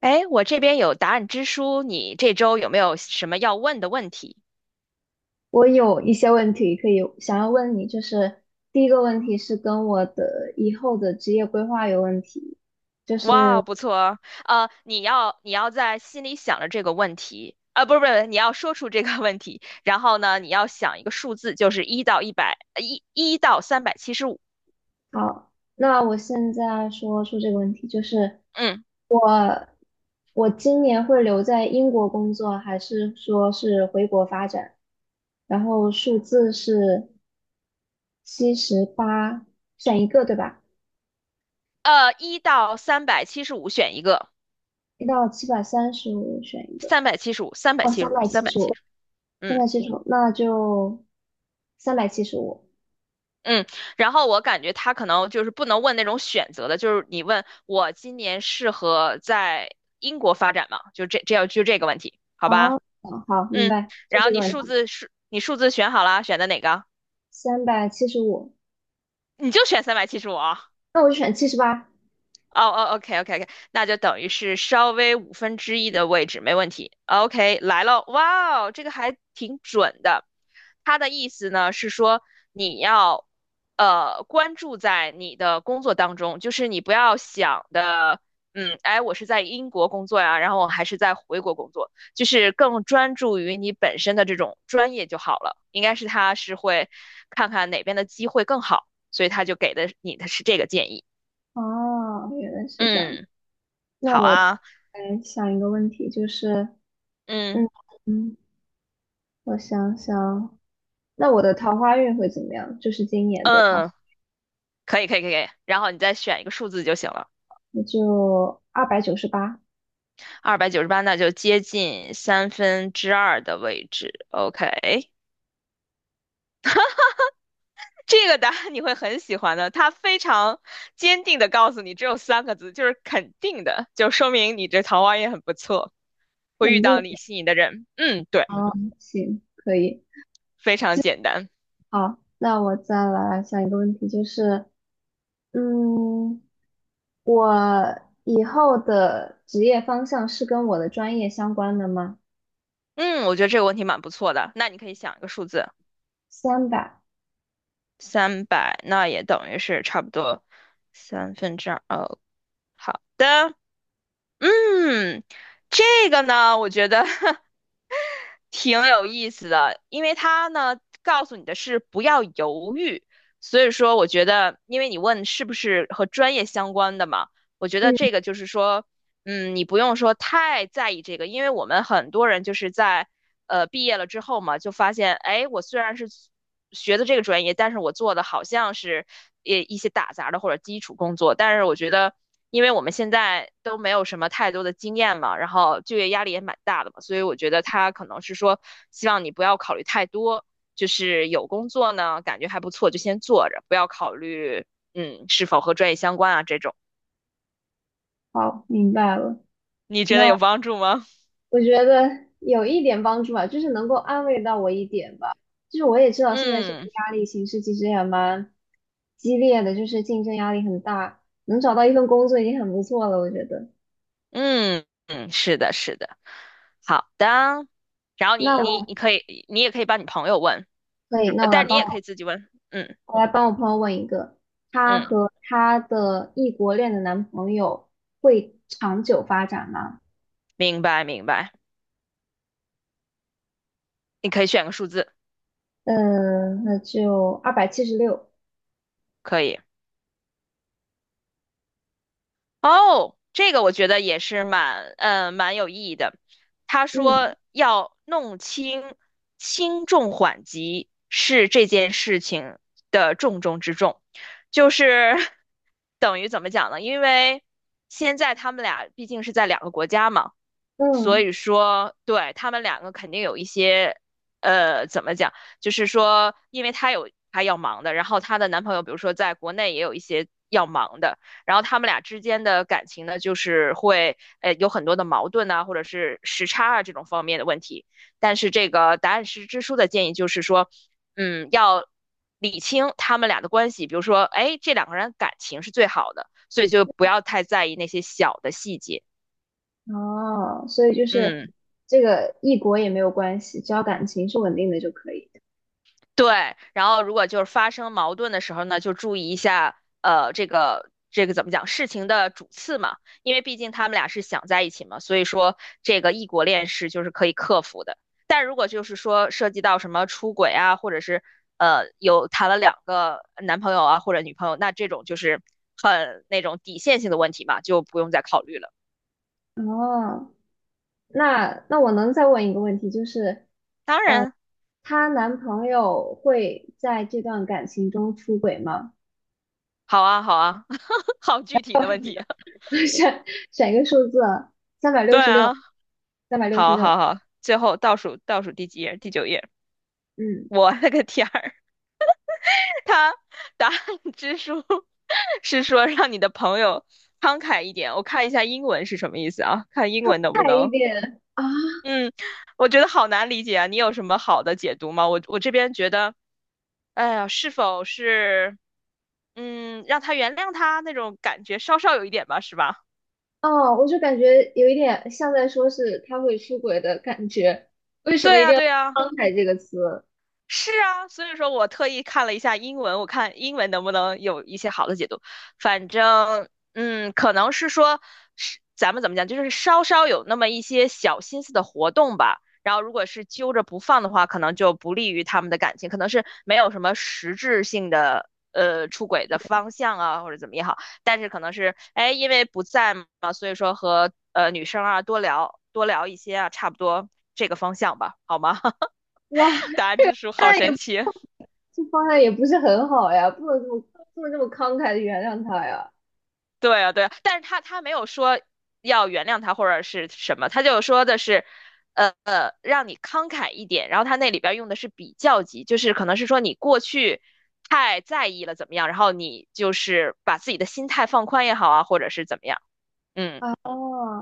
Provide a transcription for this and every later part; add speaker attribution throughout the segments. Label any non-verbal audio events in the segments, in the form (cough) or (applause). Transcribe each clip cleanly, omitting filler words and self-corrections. Speaker 1: 哎，我这边有答案之书，你这周有没有什么要问的问题？
Speaker 2: 我有一些问题可以想要问你，就是第一个问题是跟我的以后的职业规划有问题。
Speaker 1: 哇，不错哦，你要你要在心里想着这个问题，啊、不是，你要说出这个问题，然后呢，你要想一个数字，就是1到100，呃一一到三百七十五，
Speaker 2: 好，那我现在说出这个问题，就是
Speaker 1: 嗯，
Speaker 2: 我今年会留在英国工作，还是说是回国发展？然后数字是七十八，选一个对吧？
Speaker 1: 呃，一到三百七十五选一个，
Speaker 2: 一到735选一个。哦，三百七
Speaker 1: 三百
Speaker 2: 十
Speaker 1: 七
Speaker 2: 五，
Speaker 1: 十五，
Speaker 2: 三
Speaker 1: 嗯。
Speaker 2: 百七十五，那就三百七十五。
Speaker 1: 嗯，然后我感觉他可能就是不能问那种选择的，就是你问我今年适合在英国发展吗？就这这要就这个问题，好吧？
Speaker 2: 哦，好，明
Speaker 1: 嗯，
Speaker 2: 白，就
Speaker 1: 然后
Speaker 2: 这
Speaker 1: 你
Speaker 2: 个问
Speaker 1: 数
Speaker 2: 题。
Speaker 1: 字是你数字选好了，选的哪个？
Speaker 2: 三百七十五，
Speaker 1: 你就选三百七十五啊。
Speaker 2: 那我就选七十八。
Speaker 1: 哦哦，OK，那就等于是稍微1/5的位置，没问题。OK，来了，哇哦，这个还挺准的。它的意思呢是说，你要关注在你的工作当中，就是你不要想的，嗯，哎，我是在英国工作呀，然后我还是在回国工作，就是更专注于你本身的这种专业就好了。应该是他是会看看哪边的机会更好，所以他就给的你的是这个建议。
Speaker 2: 哦，原来是这样。
Speaker 1: 嗯。
Speaker 2: 那
Speaker 1: 好
Speaker 2: 我
Speaker 1: 啊，
Speaker 2: 来想一个问题，就是，嗯
Speaker 1: 嗯
Speaker 2: 嗯，我想想，那我的桃花运会怎么样？就是今年的桃，
Speaker 1: 嗯，可以然后你再选一个数字就行了。
Speaker 2: 那就298，
Speaker 1: 298，那就接近三分之二的位置。OK，这个答案你会很喜欢的，它非常坚定的告诉你，只有三个字，就是肯定的，就说明你这桃花运很不错，会遇
Speaker 2: 肯
Speaker 1: 到
Speaker 2: 定
Speaker 1: 你心仪的人。嗯，对，
Speaker 2: 啊，行，可以。
Speaker 1: 非常简单。
Speaker 2: 好，那我再来想一个问题，就是，嗯，我以后的职业方向是跟我的专业相关的吗？
Speaker 1: 嗯，我觉得这个问题蛮不错的。那你可以想一个数字，
Speaker 2: 三百。
Speaker 1: 三百，那也等于是差不多三分之二。哦，好的，嗯，这个呢，我觉得 (laughs) 挺有意思的，因为它呢告诉你的是不要犹豫，所以说我觉得，因为你问是不是和专业相关的嘛，我觉得
Speaker 2: 嗯，
Speaker 1: 这个就是说，嗯，你不用说太在意这个，因为我们很多人就是在毕业了之后嘛，就发现，哎，我虽然是学的这个专业，但是我做的好像是也一些打杂的或者基础工作，但是我觉得。因为我们现在都没有什么太多的经验嘛，然后就业压力也蛮大的嘛，所以我觉得他可能是说，希望你不要考虑太多，就是有工作呢，感觉还不错就先做着，不要考虑，嗯，是否和专业相关啊这种。
Speaker 2: 好，明白了。
Speaker 1: 你觉得
Speaker 2: 那
Speaker 1: 有帮助吗？
Speaker 2: 我觉得有一点帮助吧，就是能够安慰到我一点吧。就是我也知
Speaker 1: (laughs)
Speaker 2: 道现在这个
Speaker 1: 嗯
Speaker 2: 压力形势其实也蛮激烈的，就是竞争压力很大，能找到一份工作已经很不错了，我觉得。
Speaker 1: 嗯，是的，是的，好的。然后
Speaker 2: 那
Speaker 1: 你你
Speaker 2: 我
Speaker 1: 你可以，你也可以帮你朋友问。
Speaker 2: 可以，那
Speaker 1: 呃
Speaker 2: 我来
Speaker 1: 但你
Speaker 2: 帮
Speaker 1: 也可
Speaker 2: 我，
Speaker 1: 以自己问。嗯
Speaker 2: 我来帮我朋友问一个，她
Speaker 1: 嗯，
Speaker 2: 和她的异国恋的男朋友会长久发展吗？
Speaker 1: 明白。你可以选个数字，
Speaker 2: 那就276。
Speaker 1: 可以。哦，这个我觉得也是蛮蛮有意义的。他
Speaker 2: 嗯
Speaker 1: 说要弄清轻重缓急是这件事情的重中之重，就是 (laughs) 等于怎么讲呢？因为现在他们俩毕竟是在2个国家嘛。所
Speaker 2: 嗯。
Speaker 1: 以说，对，他们两个肯定有一些，呃，怎么讲？就是说，因为她有她要忙的，然后她的男朋友，比如说在国内也有一些要忙的，然后他们俩之间的感情呢，就是会，有很多的矛盾呐，或者是时差啊这种方面的问题。但是这个答案是支书的建议就是说，嗯，要理清他们俩的关系，比如说，哎，这两个人感情是最好的，所以就不要太在意那些小的细节，
Speaker 2: 哦，所以就是
Speaker 1: 嗯。
Speaker 2: 这个异国也没有关系，只要感情是稳定的就可以。
Speaker 1: 对，然后如果就是发生矛盾的时候呢，就注意一下，呃，这个怎么讲，事情的主次嘛，因为毕竟他们俩是想在一起嘛，所以说这个异国恋是就是可以克服的。但如果就是说涉及到什么出轨啊，或者是有谈了2个男朋友啊或者女朋友，那这种就是很那种底线性的问题嘛，就不用再考虑了。
Speaker 2: 哦，那我能再问一个问题，就是
Speaker 1: 当然，
Speaker 2: 她男朋友会在这段感情中出轨吗？
Speaker 1: 好啊，(laughs) 好具体的问题啊，
Speaker 2: (laughs) 选选一个数字啊，三百
Speaker 1: (laughs)
Speaker 2: 六
Speaker 1: 对
Speaker 2: 十六，
Speaker 1: 啊，
Speaker 2: 三百六十
Speaker 1: 好
Speaker 2: 六。
Speaker 1: 好好，最后倒数第几页？第9页。
Speaker 2: 嗯，
Speaker 1: 我勒个天儿，(laughs) 他答案之书 (laughs) 是说让你的朋友慷慨一点。我看一下英文是什么意思啊？看英文能不
Speaker 2: 快一
Speaker 1: 能？
Speaker 2: 点啊！
Speaker 1: 嗯，我觉得好难理解啊。你有什么好的解读吗？我这边觉得，哎呀，是否是嗯让他原谅他那种感觉，稍稍有一点吧，是吧？
Speaker 2: 哦，我就感觉有一点像在说是他会出轨的感觉，为什
Speaker 1: 对
Speaker 2: 么一
Speaker 1: 啊，
Speaker 2: 定要慷慨这个词？
Speaker 1: 是啊，所以说我特意看了一下英文，我看英文能不能有一些好的解读。反正，嗯，可能是说，是咱们怎么讲，就是稍稍有那么一些小心思的活动吧。然后，如果是揪着不放的话，可能就不利于他们的感情，可能是没有什么实质性的出轨的方向啊，或者怎么也好。但是可能是，哎，因为不在嘛，所以说和女生啊多聊一些啊，差不多这个方向吧，好吗？(laughs)
Speaker 2: 哇！
Speaker 1: 答案之书好
Speaker 2: 那
Speaker 1: 神
Speaker 2: 也。
Speaker 1: 奇。
Speaker 2: 这方向也不是很好呀，不能这么慷慨的原谅他呀。
Speaker 1: 对啊，但是他没有说要原谅他或者是什么，他就说的是，让你慷慨一点。然后他那里边用的是比较级，就是可能是说你过去太在意了怎么样，然后你就是把自己的心态放宽也好啊，或者是怎么样，嗯，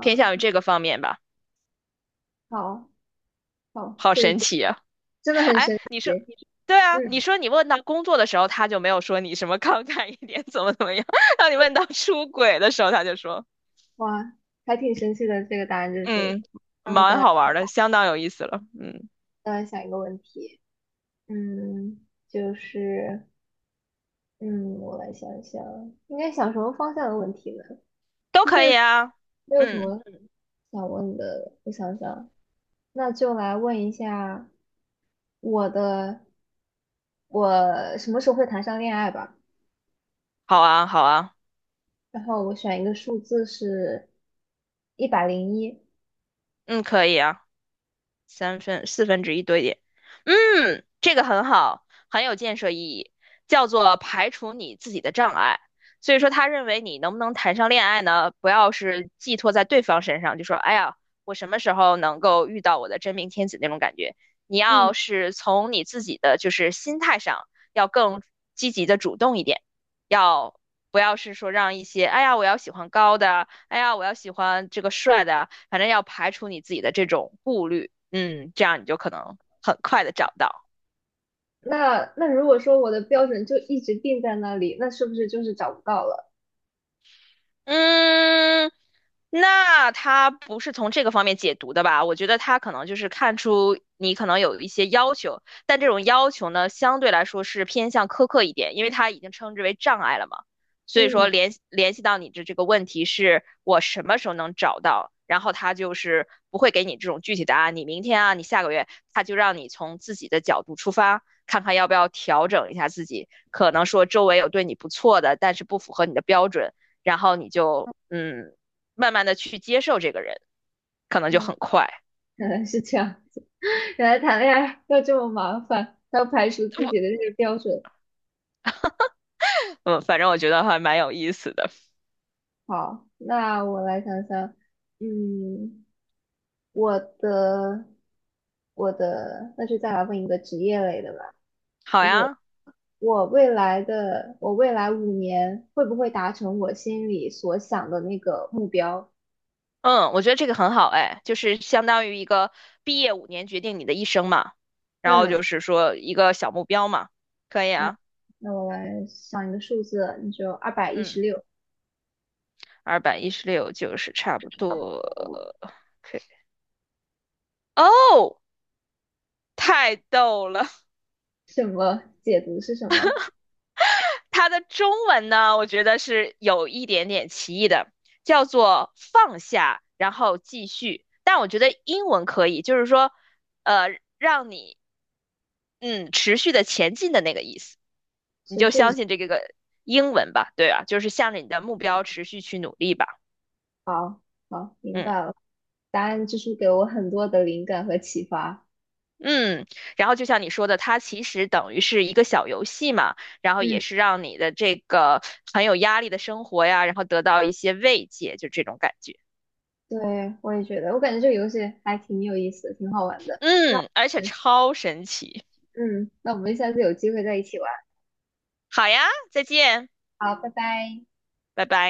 Speaker 1: 偏向于这个方面吧。
Speaker 2: 好，好，
Speaker 1: 好
Speaker 2: 这个
Speaker 1: 神
Speaker 2: 解
Speaker 1: 奇啊！
Speaker 2: 真的
Speaker 1: (laughs)
Speaker 2: 很
Speaker 1: 哎，
Speaker 2: 神
Speaker 1: 你
Speaker 2: 奇。
Speaker 1: 说，对啊，你
Speaker 2: 嗯，
Speaker 1: 说你问到工作的时候，他就没有说你什么慷慨一点，怎么样。(laughs) 当你问到出轨的时候，他就说。
Speaker 2: 哇，还挺神奇的这个答案之书。
Speaker 1: 嗯，
Speaker 2: 然后再
Speaker 1: 蛮
Speaker 2: 来
Speaker 1: 好玩儿的，相当有意思了。嗯，
Speaker 2: 再来想一个问题，就是嗯，我来想一想，应该想什么方向的问题呢？
Speaker 1: 都
Speaker 2: 现
Speaker 1: 可
Speaker 2: 在
Speaker 1: 以啊。
Speaker 2: 没有什
Speaker 1: 嗯，
Speaker 2: 么想问的，我想想，那就来问一下我的，我什么时候会谈上恋爱吧？
Speaker 1: 好啊，好。
Speaker 2: 然后我选一个数字是101。
Speaker 1: 嗯，可以啊。3分1/4多一点。嗯，这个很好，很有建设意义，叫做排除你自己的障碍。所以说，他认为你能不能谈上恋爱呢？不要是寄托在对方身上，就说“哎呀，我什么时候能够遇到我的真命天子”那种感觉。你
Speaker 2: 嗯，
Speaker 1: 要是从你自己的就是心态上，要更积极的主动一点。要不要是说让一些，哎呀，我要喜欢高的，哎呀，我要喜欢这个帅的，反正要排除你自己的这种顾虑，嗯，这样你就可能很快的找到。
Speaker 2: 那如果说我的标准就一直定在那里，那是不是就是找不到了？
Speaker 1: 嗯，那他不是从这个方面解读的吧？我觉得他可能就是看出你可能有一些要求，但这种要求呢，相对来说是偏向苛刻一点，因为他已经称之为障碍了嘛。所以说
Speaker 2: 嗯，
Speaker 1: 联系到你的这个问题是我什么时候能找到，然后他就是不会给你这种具体答案，你明天啊，你下个月，他就让你从自己的角度出发，看看要不要调整一下自己。可能说周围有对你不错的，但是不符合你的标准。然后你就嗯，慢慢的去接受这个人，可能就
Speaker 2: 嗯
Speaker 1: 很快。
Speaker 2: 原来是这样。(laughs) 原来谈恋爱要这么麻烦，要排除自己的这个标准。
Speaker 1: 嗯，反正我觉得还蛮有意思的。
Speaker 2: 好，那我来想想，嗯，我的我的,那就再来问一个职业类的吧。
Speaker 1: 好
Speaker 2: 就是
Speaker 1: 呀，
Speaker 2: 我未来5年会不会达成我心里所想的那个目标？
Speaker 1: 嗯，我觉得这个很好，哎，就是相当于一个毕业5年决定你的一生嘛，然后
Speaker 2: 嗯，
Speaker 1: 就是说一个小目标嘛，可以啊，
Speaker 2: 那我来想一个数字，你就二百一十
Speaker 1: 嗯，
Speaker 2: 六，
Speaker 1: 216就是差不多。OK，哦，太逗了。
Speaker 2: 什么解读是什么？
Speaker 1: 它的中文呢，我觉得是有一点点歧义的，叫做放下，然后继续。但我觉得英文可以，就是说，呃，让你嗯持续的前进的那个意思，你
Speaker 2: 是
Speaker 1: 就
Speaker 2: 睡前
Speaker 1: 相信这个英文吧，对吧？就是向着你的目标持续去努力吧，
Speaker 2: 好，好，明白
Speaker 1: 嗯
Speaker 2: 了。答案之书给我很多的灵感和启发。
Speaker 1: 嗯。然后就像你说的，它其实等于是一个小游戏嘛，然后也
Speaker 2: 嗯
Speaker 1: 是让你的这个很有压力的生活呀，然后得到一些慰藉，就这种感觉。
Speaker 2: 对，我也觉得，我感觉这个游戏还挺有意思，挺好玩的。那
Speaker 1: 嗯，而且超神奇。
Speaker 2: 我们下次有机会再一起玩。
Speaker 1: 好呀，再见，
Speaker 2: 好，拜拜。
Speaker 1: 拜拜。